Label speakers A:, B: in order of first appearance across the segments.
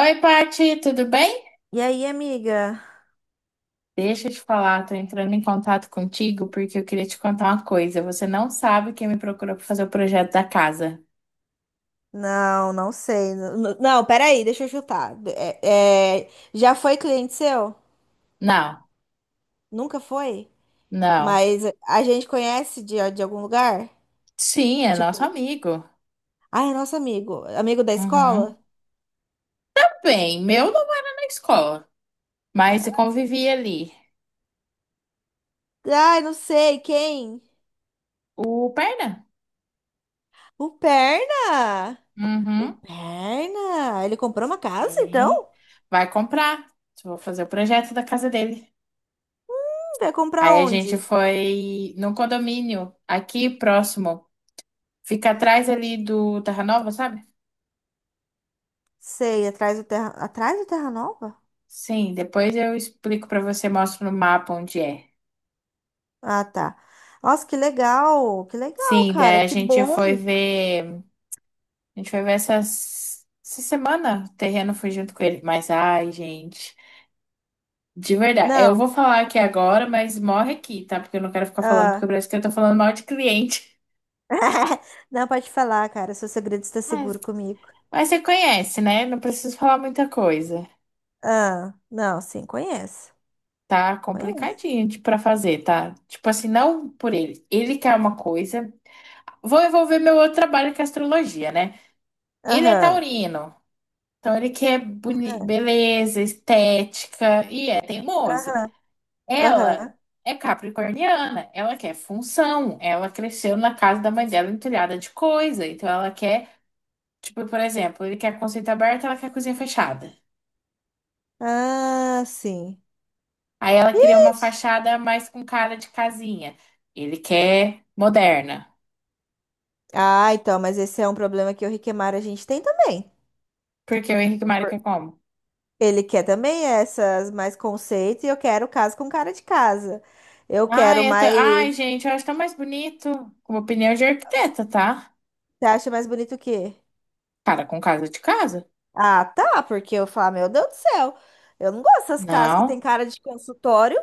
A: Oi, Paty, tudo bem?
B: E aí, amiga?
A: Deixa eu te falar, tô entrando em contato contigo porque eu queria te contar uma coisa. Você não sabe quem me procurou para fazer o projeto da casa.
B: Não, não sei. Não, não, Peraí, deixa eu chutar. Já foi cliente seu?
A: Não,
B: Nunca foi?
A: não.
B: Mas a gente conhece de algum lugar?
A: Sim, é nosso
B: Tipo,
A: amigo.
B: ai, é nosso amigo. Amigo da
A: Uhum.
B: escola?
A: Bem, meu não era na escola, mas eu convivia ali.
B: Ai, não sei, quem?
A: O Perna.
B: O Perna! O
A: Uhum.
B: Perna! Ele comprou uma casa,
A: Bem.
B: então?
A: Vai comprar. Vou fazer o projeto da casa dele.
B: Vai comprar
A: Aí a gente
B: onde?
A: foi num condomínio aqui próximo. Fica atrás ali do Terra Nova, sabe?
B: Sei, Atrás do Terra Nova?
A: Sim, depois eu explico pra você, mostro no mapa onde é.
B: Ah, tá. Nossa, que legal! Que legal,
A: Sim,
B: cara.
A: daí a
B: Que
A: gente
B: bom!
A: foi ver, a gente foi ver essas, essa semana, o terreno foi junto com ele, mas ai, gente, de verdade, eu
B: Não.
A: vou falar aqui agora, mas morre aqui, tá? Porque eu não quero ficar falando, porque
B: Ah.
A: parece que eu tô falando mal de cliente.
B: Não, pode falar, cara. Seu segredo está
A: Mas,
B: seguro comigo.
A: mas você conhece, né? Não preciso falar muita coisa.
B: Ah, não, sim, conheço.
A: Tá
B: Conheço.
A: complicadinho de- pra fazer, tá? Tipo assim, não por ele. Ele quer uma coisa. Vou envolver meu outro trabalho que é astrologia, né? Ele é
B: Aham,
A: taurino. Então ele quer boni-
B: aham,
A: beleza, estética e é teimoso.
B: aham,
A: Ela
B: aham.
A: é capricorniana, ela quer função, ela cresceu na casa da mãe dela entulhada de coisa, então ela quer, tipo, por exemplo, ele quer conceito aberto, ela quer cozinha fechada.
B: Ah, sim.
A: Aí ela queria uma
B: Ixi.
A: fachada mais com cara de casinha. Ele quer moderna.
B: Ah, então, mas esse é um problema que o Riquemar a gente tem também.
A: Porque o Henrique Mário
B: Por-
A: quer como?
B: Ele quer também essas mais conceito e eu quero caso com cara de casa. Eu
A: Ai,
B: quero
A: é tão- Ai,
B: mais.
A: gente, eu acho tão mais bonito. Com opinião de arquiteta, tá?
B: Você acha mais bonito o quê?
A: Cara com casa de casa.
B: Ah, tá, porque eu falo, meu Deus do céu, eu não gosto dessas casas que tem
A: Não.
B: cara de consultório.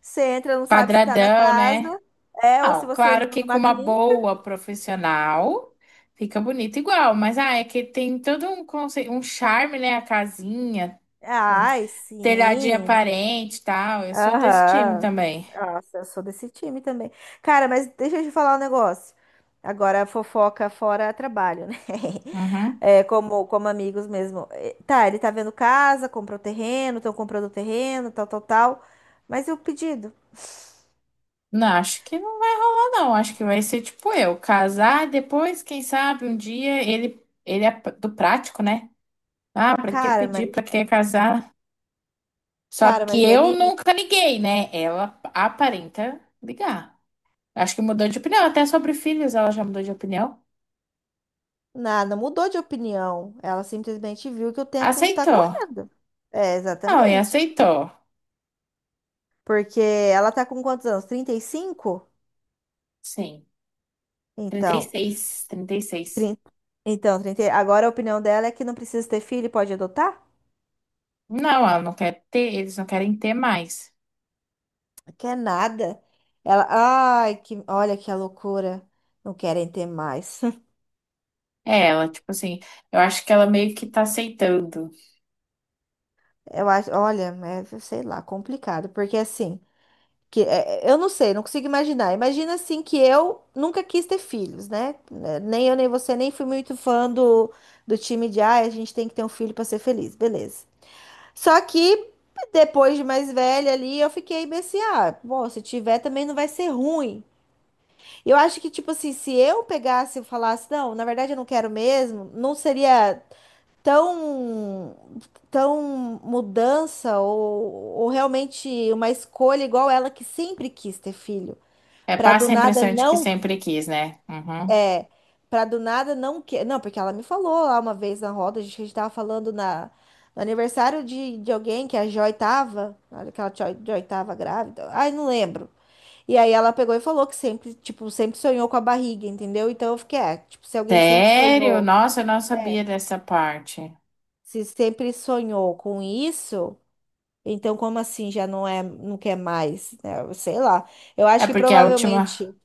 B: Você entra, não sabe se tá na
A: Quadradão,
B: casa,
A: né?
B: é, ou se
A: Não,
B: você
A: claro
B: entrou
A: que com
B: numa
A: uma
B: clínica.
A: boa profissional fica bonito igual, mas ah, é que tem todo um conce... um charme, né? A casinha, um
B: Ai,
A: telhadinho
B: sim.
A: aparente e tal. Eu sou desse time
B: Aham.
A: também.
B: Nossa, eu sou desse time também. Cara, mas deixa eu te falar um negócio. Agora, fofoca fora é trabalho, né?
A: Uhum.
B: É, como amigos mesmo. É, tá, ele tá vendo casa, comprou terreno, estão comprando terreno, tal, tal, tal. Mas e o pedido?
A: Não, acho que não vai rolar, não. Acho que vai ser tipo eu, casar, depois, quem sabe, um dia ele, ele é do prático, né? Ah, pra que
B: Cara,
A: pedir,
B: mas
A: pra que casar? Só
B: cara,
A: que
B: mas
A: eu
B: ele
A: nunca liguei, né? Ela aparenta ligar. Acho que mudou de opinião. Até sobre filhos ela já mudou de opinião.
B: nada, mudou de opinião. Ela simplesmente viu que o tempo tá
A: Aceitou.
B: correndo. É,
A: Não, e
B: exatamente.
A: aceitou.
B: Porque ela tá com quantos anos? 35.
A: Sim.
B: Então,
A: 36, 36.
B: 30. Então, 30, agora a opinião dela é que não precisa ter filho e pode adotar?
A: Não, ela não quer ter, eles não querem ter mais.
B: Quer nada. Ela, ai, que, olha que a loucura. Não querem ter mais.
A: É, ela, tipo assim, eu acho que ela meio que tá aceitando.
B: Eu acho, olha, é, sei lá, complicado, porque assim, que, eu não sei, não consigo imaginar. Imagina assim que eu nunca quis ter filhos, né? Né, nem eu, nem você, nem fui muito fã do, do time de ai, a gente tem que ter um filho para ser feliz, beleza. Só que depois de mais velha ali, eu fiquei meio assim, ah, bom, se tiver também não vai ser ruim. Eu acho que, tipo assim, se eu pegasse e falasse, não, na verdade eu não quero mesmo, não seria tão, tão mudança ou realmente uma escolha igual ela que sempre quis ter filho.
A: É,
B: Pra do
A: passa a
B: nada
A: impressão de que
B: não
A: sempre quis, né? Uhum.
B: é, pra do nada não que, não, porque ela me falou lá uma vez na roda, a gente tava falando na no aniversário de alguém que a Joy tava, olha que a Joy, Joy tava grávida. Ai, não lembro. E aí ela pegou e falou que sempre, tipo, sempre sonhou com a barriga, entendeu? Então eu fiquei, é, tipo, se alguém sempre
A: Sério?
B: sonhou,
A: Nossa, eu não
B: é,
A: sabia dessa parte.
B: se sempre sonhou com isso, então como assim já não é, não quer mais, né? Sei lá. Eu
A: É
B: acho que
A: porque a última.
B: provavelmente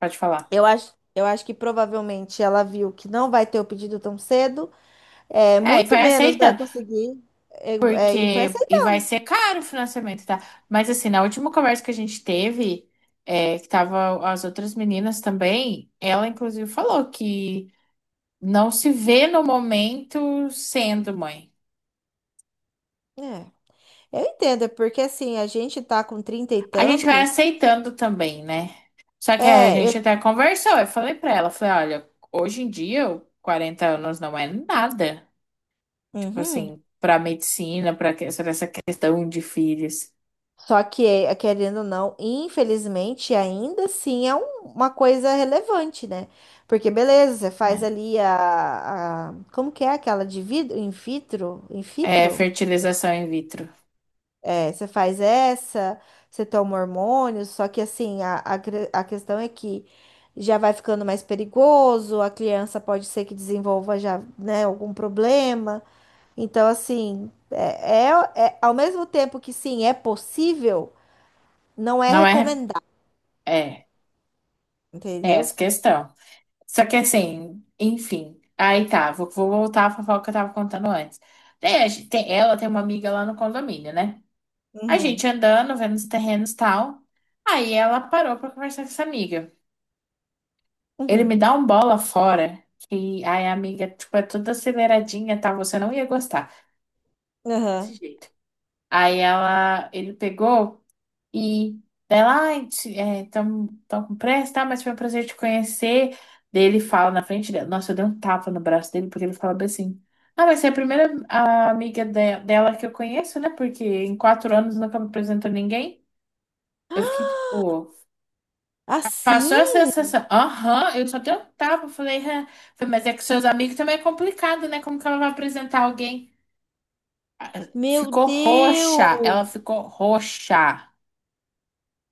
A: Pode falar.
B: eu acho que provavelmente ela viu que não vai ter o pedido tão cedo, é,
A: É, e
B: muito
A: foi
B: menos vai
A: aceitando.
B: conseguir. É, e foi
A: Porque,
B: essa.
A: e vai ser caro o financiamento, tá? Mas assim, na última conversa que a gente teve, é, que tava as outras meninas também, ela inclusive falou que não se vê no momento sendo mãe.
B: É, eu entendo, é porque assim, a gente tá com trinta e
A: A gente vai
B: tantos.
A: aceitando também, né? Só que a
B: É,
A: gente
B: eu.
A: até conversou, eu falei pra ela, falei, olha, hoje em dia, 40 anos não é nada. Tipo
B: Uhum.
A: assim, pra medicina, pra que- sobre essa questão de filhos,
B: Só que, é, querendo ou não, infelizmente, ainda assim é um- uma coisa relevante, né? Porque, beleza, você faz
A: né?
B: ali Como que é aquela de vidro? In vitro? In
A: É
B: vitro?
A: fertilização in vitro.
B: É, você faz essa, você toma hormônios, só que assim, a questão é que já vai ficando mais perigoso, a criança pode ser que desenvolva já, né, algum problema. Então, assim, ao mesmo tempo que sim, é possível, não é
A: Não é.
B: recomendado,
A: É. É essa
B: entendeu?
A: questão. Só que assim, enfim. Aí tá, vou voltar à fofoca que eu tava contando antes. Daí a gen- tem, ela tem uma amiga lá no condomínio, né? A
B: Uhum,
A: gente andando, vendo os terrenos e tal. Aí ela parou pra conversar com essa amiga. Ele me
B: uhum,
A: dá um bola fora, que aí a amiga, tipo, é toda aceleradinha, tá? Você não ia gostar
B: aham.
A: desse jeito. Aí ela, ele pegou. E dela, ai, estão com pressa, tá? Mas foi um prazer te conhecer. Daí ele fala na frente dela. Nossa, eu dei um tapa no braço dele, porque ele fala bem assim. Ah, mas você é a primeira amiga de- dela que eu conheço, né? Porque em quatro anos nunca me apresentou ninguém. Eu fiquei tipo,
B: Assim?
A: passou a sensação. Aham, eu só dei um tapa. Falei, "Hã." Falei, mas é que seus amigos também é complicado, né? Como que ela vai apresentar alguém? Ah,
B: Meu
A: ficou roxa,
B: Deus!
A: ela ficou roxa.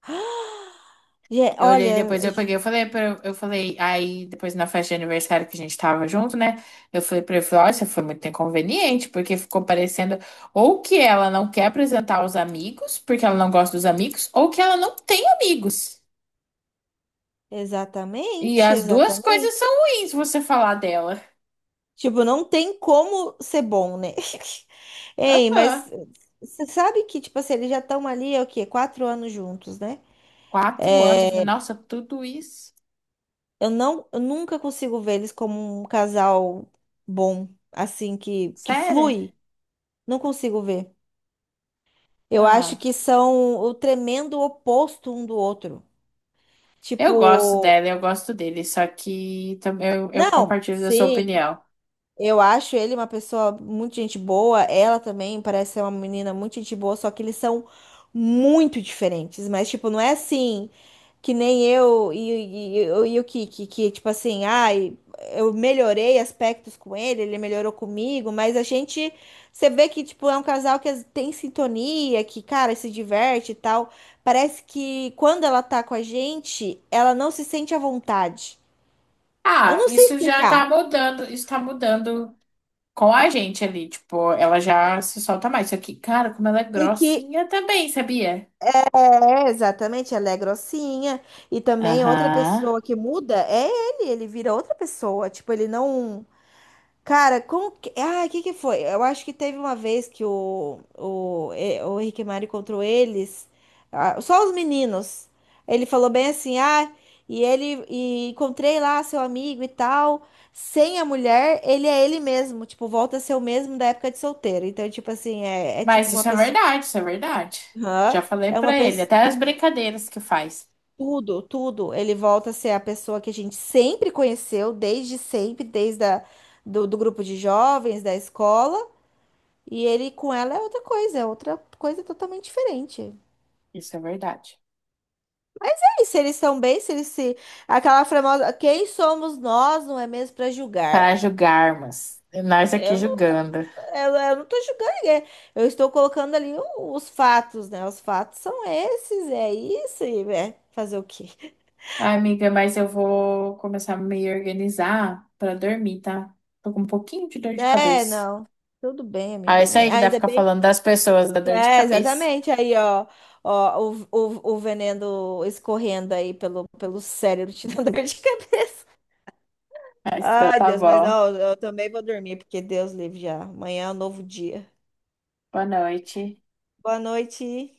B: Ge-
A: Eu olhei
B: Olha,
A: depois, eu peguei,
B: ge-
A: eu falei, aí depois na festa de aniversário que a gente tava junto, né? Eu falei pra ele, falei, ó, isso foi muito inconveniente, porque ficou parecendo ou que ela não quer apresentar os amigos, porque ela não gosta dos amigos, ou que ela não tem amigos. E
B: exatamente,
A: as duas coisas são
B: exatamente.
A: ruins, se você falar dela.
B: Tipo, não tem como ser bom, né? Ei, mas
A: Aham.
B: você sabe que, tipo assim, eles já estão ali, é o quê? Quatro anos juntos, né?
A: Quatro anos, eu falei,
B: É,
A: nossa, tudo isso?
B: eu nunca consigo ver eles como um casal bom, assim, que
A: Sério?
B: flui. Não consigo ver. Eu acho
A: Ah,
B: que são o tremendo oposto um do outro.
A: eu gosto
B: Tipo,
A: dela, eu gosto dele, só que também eu
B: não,
A: compartilho da sua
B: sim,
A: opinião.
B: eu acho ele uma pessoa muito gente boa. Ela também parece ser uma menina muito gente boa, só que eles são muito diferentes. Mas, tipo, não é assim que nem eu e o Kiki, que, tipo assim, ai, eu melhorei aspectos com ele, ele melhorou comigo, mas a gente, você vê que, tipo, é um casal que tem sintonia, que, cara, se diverte e tal. Parece que quando ela tá com a gente, ela não se sente à vontade. Eu
A: Ah,
B: não sei
A: isso já
B: explicar.
A: tá mudando, isso tá mudando com a gente ali, tipo, ela já se solta mais. Só que, cara, como ela é
B: E que
A: grossinha também, sabia?
B: exatamente, ela é grossinha. E também outra
A: Aham.
B: pessoa que muda é ele, ele vira outra pessoa. Tipo, ele não. Cara, como que. Ah, o que que foi? Eu acho que teve uma vez que o Rick e Morty encontrou eles, ah, só os meninos. Ele falou bem assim, ah, e ele. E encontrei lá seu amigo e tal. Sem a mulher, ele é ele mesmo. Tipo, volta a ser o mesmo da época de solteiro. Então, tipo assim, é tipo
A: Mas
B: uma
A: isso é
B: pessoa.
A: verdade, isso é verdade. Já
B: Aham.
A: falei
B: É uma
A: pra ele,
B: pessoa.
A: até as brincadeiras que faz.
B: Tudo, tudo. Ele volta a ser a pessoa que a gente sempre conheceu, desde sempre, do grupo de jovens, da escola. E ele com ela é outra coisa totalmente diferente.
A: Isso é verdade.
B: E se eles estão bem, se eles se. Aquela famosa. Quem somos nós, não é mesmo, para julgar?
A: Para julgarmos. Nós aqui
B: Eu não,
A: julgando.
B: eu não tô julgando ninguém. Eu estou colocando ali os fatos, né? Os fatos são esses, é isso, e é fazer o quê?
A: Ai, amiga, mas eu vou começar a me organizar pra dormir, tá? Tô com um pouquinho de dor de
B: É,
A: cabeça.
B: não. Tudo bem,
A: Ah,
B: amiga.
A: isso aí que dá pra
B: Ainda
A: ficar
B: bem.
A: falando das pessoas, da dor de
B: É,
A: cabeça.
B: exatamente. Aí, ó, ó, o veneno escorrendo aí pelo cérebro, te dando dor de cabeça.
A: Ah, então,
B: Ai,
A: tá
B: Deus, mas
A: bom.
B: ó, eu também vou dormir, porque Deus livre já. Amanhã é um novo dia.
A: Boa noite.
B: Boa noite.